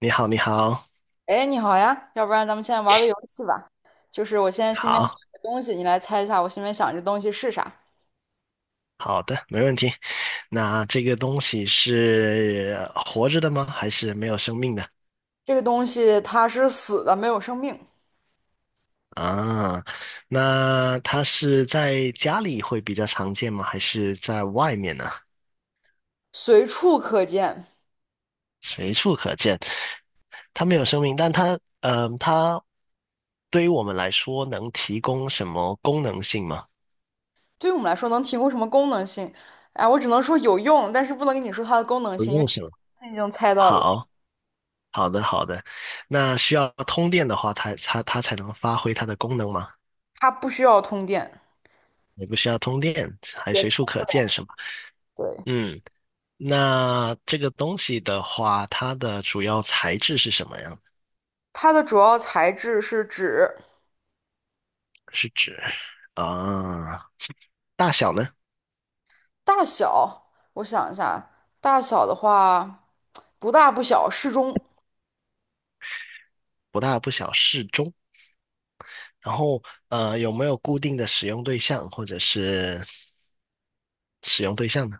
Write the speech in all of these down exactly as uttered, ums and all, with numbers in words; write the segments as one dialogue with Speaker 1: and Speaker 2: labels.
Speaker 1: 你好，你好，
Speaker 2: 哎，你好呀，要不然咱们现在玩个游戏吧。就是我现在心里面
Speaker 1: 好
Speaker 2: 想一个东西，你来猜一下我心里面想这东西是啥。
Speaker 1: 好的，没问题。那这个东西是呃活着的吗？还是没有生命的？
Speaker 2: 这个东西它是死的，没有生命，
Speaker 1: 啊，那它是在家里会比较常见吗？还是在外面呢？
Speaker 2: 随处可见。
Speaker 1: 随处可见。它没有生命，但它，呃，它对于我们来说能提供什么功能性吗？
Speaker 2: 对于我们来说，能提供什么功能性？哎，我只能说有用，但是不能跟你说它的功能
Speaker 1: 不
Speaker 2: 性，因为
Speaker 1: 用是么。
Speaker 2: 你已经猜到了，
Speaker 1: 好，好的，好的。那需要通电的话，它它它才能发挥它的功能吗？
Speaker 2: 它不需要通电。
Speaker 1: 也不需要通电，还随
Speaker 2: 也
Speaker 1: 处可见，是吗？
Speaker 2: 对，
Speaker 1: 嗯，那这个东西的话，它的主要材质是什么呀？
Speaker 2: 它的主要材质是纸，
Speaker 1: 是指啊，大小呢？
Speaker 2: 大小，我想一下，大小的话，不大不小，适中。
Speaker 1: 不大不小，适中。然后呃，有没有固定的使用对象或者是使用对象呢？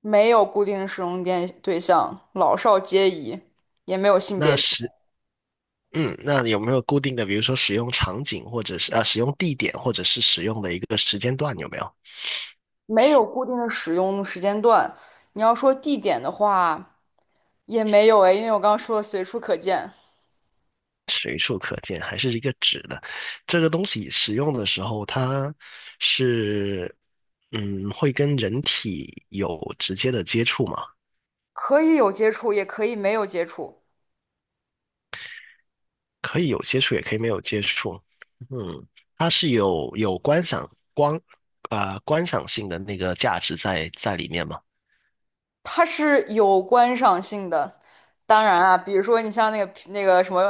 Speaker 2: 没有固定的使用电对象，老少皆宜，也没有性
Speaker 1: 那
Speaker 2: 别制
Speaker 1: 是嗯，那有没有固定的，比如说使用场景或者是啊使用地点或者是使用的一个时间段有没有？
Speaker 2: 没有固定的使用时间段。你要说地点的话，也没有诶，因为我刚刚说了随处可见，
Speaker 1: 随处可见，还是一个纸的。这个东西使用的时候，它是嗯会跟人体有直接的接触嘛？
Speaker 2: 可以有接触，也可以没有接触，
Speaker 1: 可以有接触，也可以没有接触。嗯，它是有有观赏光呃观赏性的那个价值在在里面嘛？
Speaker 2: 它是有观赏性的。当然啊，比如说你像那个啤那个什么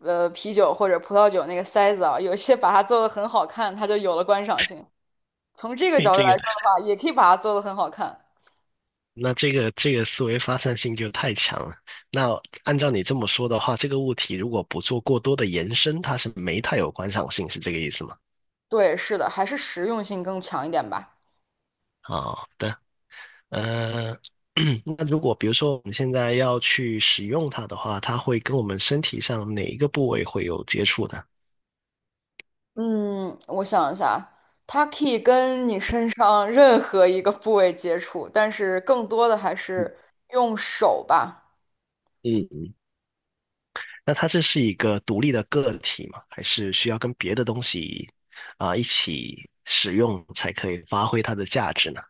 Speaker 2: 呃啤酒或者葡萄酒那个塞子啊，有些把它做的很好看，它就有了观赏性。从这个
Speaker 1: 嘿
Speaker 2: 角度来
Speaker 1: 这个
Speaker 2: 说的话，也可以把它做的很好看。
Speaker 1: 那这个这个思维发散性就太强了。那按照你这么说的话，这个物体如果不做过多的延伸，它是没太有观赏性，是这个意思吗？
Speaker 2: 对，是的，还是实用性更强一点吧。
Speaker 1: 啊、对。呃，那如果比如说我们现在要去使用它的话，它会跟我们身体上哪一个部位会有接触呢？
Speaker 2: 嗯，我想一下啊，它可以跟你身上任何一个部位接触，但是更多的还是用手吧。
Speaker 1: 嗯嗯。那它这是一个独立的个体吗？还是需要跟别的东西啊、一起使用才可以发挥它的价值呢？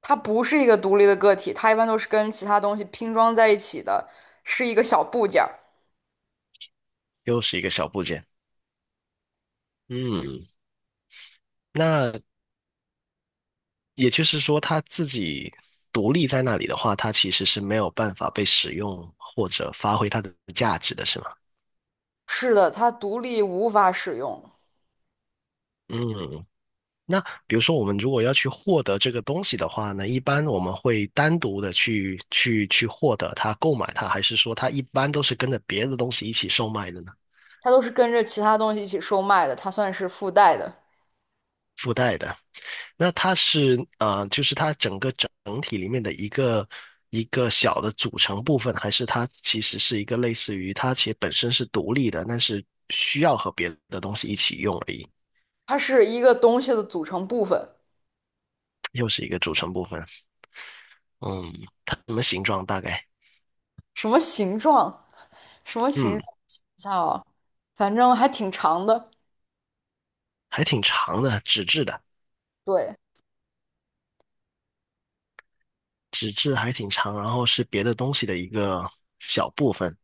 Speaker 2: 它不是一个独立的个体，它一般都是跟其他东西拼装在一起的，是一个小部件儿。
Speaker 1: 又是一个小部件。嗯，那也就是说，它自己独立在那里的话，它其实是没有办法被使用或者发挥它的价值的，是吗？
Speaker 2: 是的，它独立无法使用，
Speaker 1: 嗯，那比如说，我们如果要去获得这个东西的话呢，一般我们会单独的去去去获得它、购买它，还是说它一般都是跟着别的东西一起售卖的呢？
Speaker 2: 它都是跟着其他东西一起售卖的，它算是附带的，
Speaker 1: 附带的，那它是呃，就是它整个整体里面的一个一个小的组成部分，还是它其实是一个类似于它其实本身是独立的，但是需要和别的东西一起用而已，
Speaker 2: 它是一个东西的组成部分，
Speaker 1: 又是一个组成部分。嗯，它什么形状大概？
Speaker 2: 什么形状？什么形象？
Speaker 1: 嗯，
Speaker 2: 想一下啊，反正还挺长的。
Speaker 1: 还挺长的，纸质的。
Speaker 2: 对，
Speaker 1: 纸质还挺长，然后是别的东西的一个小部分。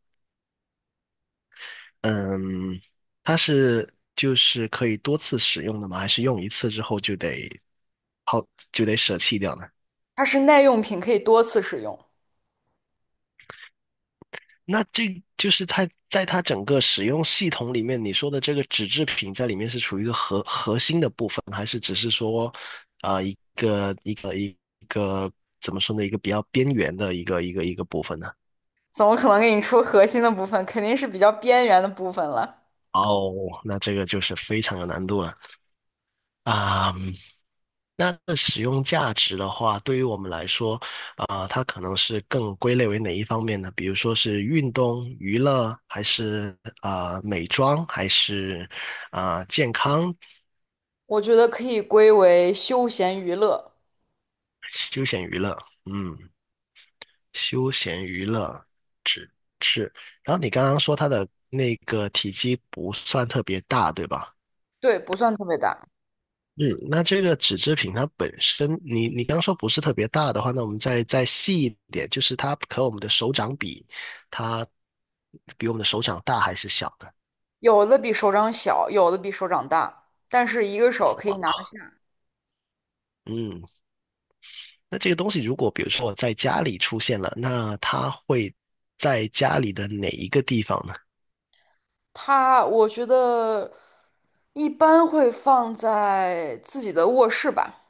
Speaker 1: 嗯，它是就是可以多次使用的吗？还是用一次之后就得抛就得舍弃掉呢？
Speaker 2: 它是耐用品，可以多次使用。
Speaker 1: 那这就是它在它整个使用系统里面，你说的这个纸制品在里面是处于一个核核心的部分，还是只是说啊、一个一个一个怎么说呢？一个比较边缘的一个一个一个部分呢？
Speaker 2: 怎么可能给你出核心的部分？肯定是比较边缘的部分了。
Speaker 1: 哦，那这个就是非常有难度了啊！嗯那的使用价值的话，对于我们来说，啊、它可能是更归类为哪一方面呢？比如说是运动、娱乐，还是啊、美妆，还是啊、健康、
Speaker 2: 我觉得可以归为休闲娱乐。
Speaker 1: 休闲娱乐？嗯，休闲娱乐是。然后你刚刚说它的那个体积不算特别大，对吧？
Speaker 2: 对，不算特别大，
Speaker 1: 嗯，那这个纸制品它本身，你你刚说不是特别大的话，那我们再再细一点，就是它和我们的手掌比，它比我们的手掌大还是小的，
Speaker 2: 有的比手掌小，有的比手掌大，但是一个手
Speaker 1: 对
Speaker 2: 可以
Speaker 1: 吧？
Speaker 2: 拿得起。
Speaker 1: 嗯，那这个东西如果比如说我在家里出现了，那它会在家里的哪一个地方呢？
Speaker 2: 它，我觉得一般会放在自己的卧室吧。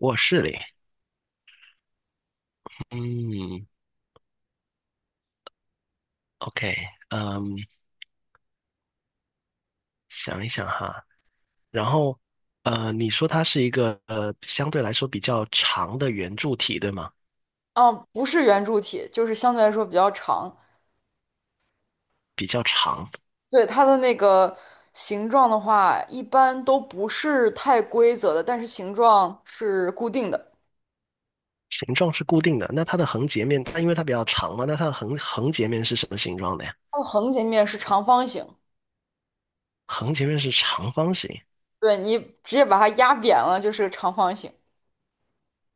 Speaker 1: 卧室里。嗯，OK，嗯，想一想哈，然后呃，你说它是一个呃相对来说比较长的圆柱体，对吗？
Speaker 2: 嗯，不是圆柱体，就是相对来说比较长。
Speaker 1: 比较长。
Speaker 2: 对，它的那个形状的话，一般都不是太规则的，但是形状是固定的。
Speaker 1: 形状是固定的，那它的横截面，它因为它比较长嘛，那它的横横截面是什么形状的呀？
Speaker 2: 它的横截面是长方形，
Speaker 1: 横截面是长方形。
Speaker 2: 对，你直接把它压扁了就是个长方形，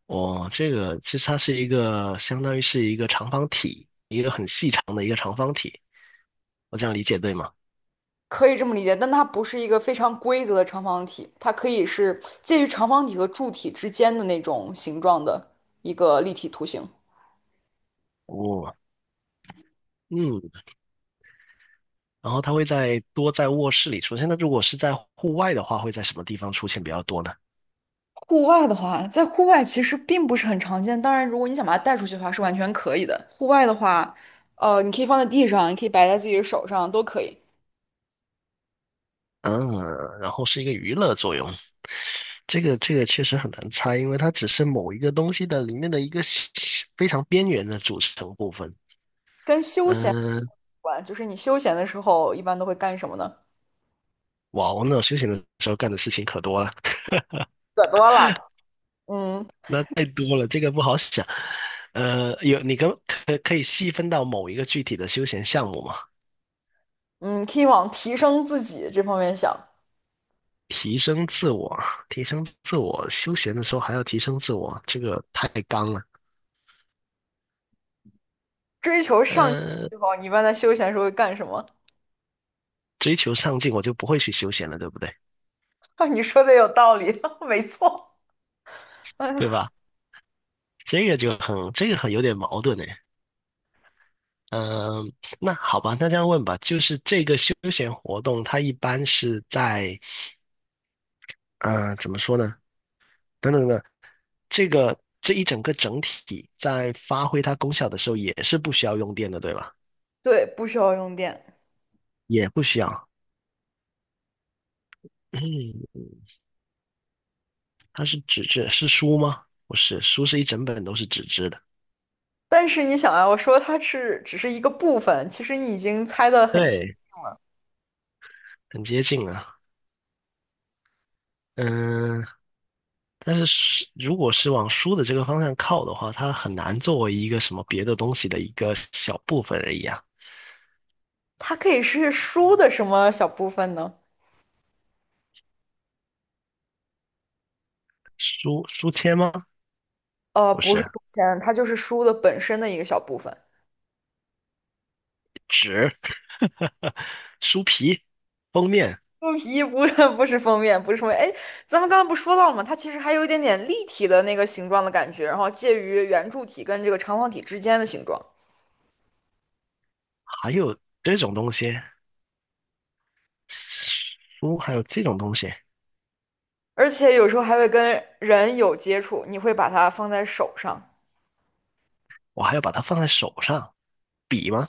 Speaker 1: 哦，这个其实它是一个相当于是一个长方体，一个很细长的一个长方体。我这样理解对吗？
Speaker 2: 可以这么理解。但它不是一个非常规则的长方体，它可以是介于长方体和柱体之间的那种形状的一个立体图形。
Speaker 1: 哦，嗯，然后它会在多在卧室里出现。那如果是在户外的话，会在什么地方出现比较多呢？
Speaker 2: 户外的话，在户外其实并不是很常见。当然，如果你想把它带出去的话，是完全可以的。户外的话，呃，你可以放在地上，你可以摆在自己的手上，都可以。
Speaker 1: 嗯，然后是一个娱乐作用。这个这个确实很难猜，因为它只是某一个东西的里面的一个小非常边缘的组成部分。
Speaker 2: 跟休闲有
Speaker 1: 嗯，
Speaker 2: 关，就是你休闲的时候一般都会干什么呢？
Speaker 1: 哇，我那种休闲的时候干的事情可多了，
Speaker 2: 可多了，嗯
Speaker 1: 那太多了，这个不好想。呃，有你跟可可以细分到某一个具体的休闲项目吗？
Speaker 2: 嗯，可以往提升自己这方面想，
Speaker 1: 提升自我，提升自我，休闲的时候还要提升自我，这个太刚了。
Speaker 2: 追求上进
Speaker 1: 呃，
Speaker 2: 这方面你一般在休闲的时候会干什么？
Speaker 1: 追求上进，我就不会去休闲了，对不对？
Speaker 2: 啊，你说的有道理，没错。
Speaker 1: 对
Speaker 2: 嗯，
Speaker 1: 吧？这个就很，这个很有点矛盾哎。嗯，那好吧，那这样问吧，就是这个休闲活动，它一般是在，呃，怎么说呢？等等等，这个这一整个整体在发挥它功效的时候，也是不需要用电的，对吧？
Speaker 2: 对，不需要用电。
Speaker 1: 也不需要。嗯，它是纸质，是书吗？不是，书是一整本都是纸质的。
Speaker 2: 但是你想啊，我说它是只是一个部分，其实你已经猜得很。
Speaker 1: 对，很接近啊。嗯，但是是如果是往书的这个方向靠的话，它很难作为一个什么别的东西的一个小部分而已啊。
Speaker 2: 它可以是书的什么小部分呢？
Speaker 1: 书书签吗？
Speaker 2: 呃，
Speaker 1: 不
Speaker 2: 不是
Speaker 1: 是，
Speaker 2: 书签，它就是书的本身的一个小部分。
Speaker 1: 纸，书皮、封面，
Speaker 2: 书皮不是不是封面，不是封面。哎，咱们刚刚不说到了吗？它其实还有一点点立体的那个形状的感觉，然后介于圆柱体跟这个长方体之间的形状，
Speaker 1: 还有这种东西，书还有这种东西，
Speaker 2: 而且有时候还会跟人有接触。你会把它放在手上，
Speaker 1: 我还要把它放在手上。笔吗？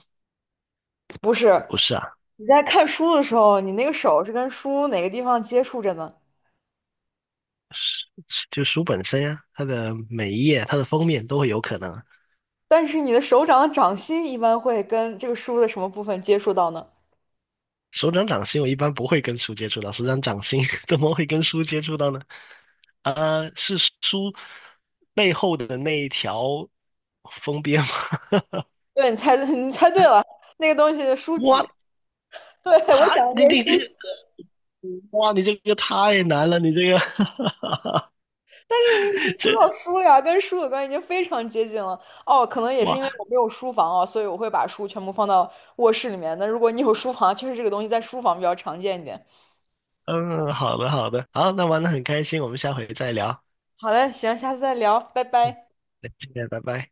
Speaker 2: 不是？
Speaker 1: 不是啊，
Speaker 2: 你在看书的时候，你那个手是跟书哪个地方接触着呢？
Speaker 1: 就书本身呀、它的每一页、它的封面都会有可能啊
Speaker 2: 但是你的手掌的掌心一般会跟这个书的什么部分接触到呢？
Speaker 1: 手掌掌心我一般不会跟书接触到，手掌掌心 怎么会跟书接触到呢？呃，是书背后的那一条封边吗？
Speaker 2: 对，你猜 你猜对了，那个东西是书 籍。
Speaker 1: 哇，
Speaker 2: 对，我
Speaker 1: 他
Speaker 2: 想的
Speaker 1: 你
Speaker 2: 就是
Speaker 1: 你
Speaker 2: 书
Speaker 1: 这个，
Speaker 2: 籍，
Speaker 1: 哇，你这个太难了，你这个
Speaker 2: 但是你 已经抽
Speaker 1: 这
Speaker 2: 到书了呀，跟书有关，已经非常接近了。哦，可能也是
Speaker 1: 哇，
Speaker 2: 因为我没有书房哦，所以我会把书全部放到卧室里面。那如果你有书房，确实这个东西在书房比较常见一点。
Speaker 1: 嗯，好的好的，好，那玩的很开心，我们下回再聊。
Speaker 2: 好嘞，行，下次再聊，拜拜。
Speaker 1: 再见，拜拜。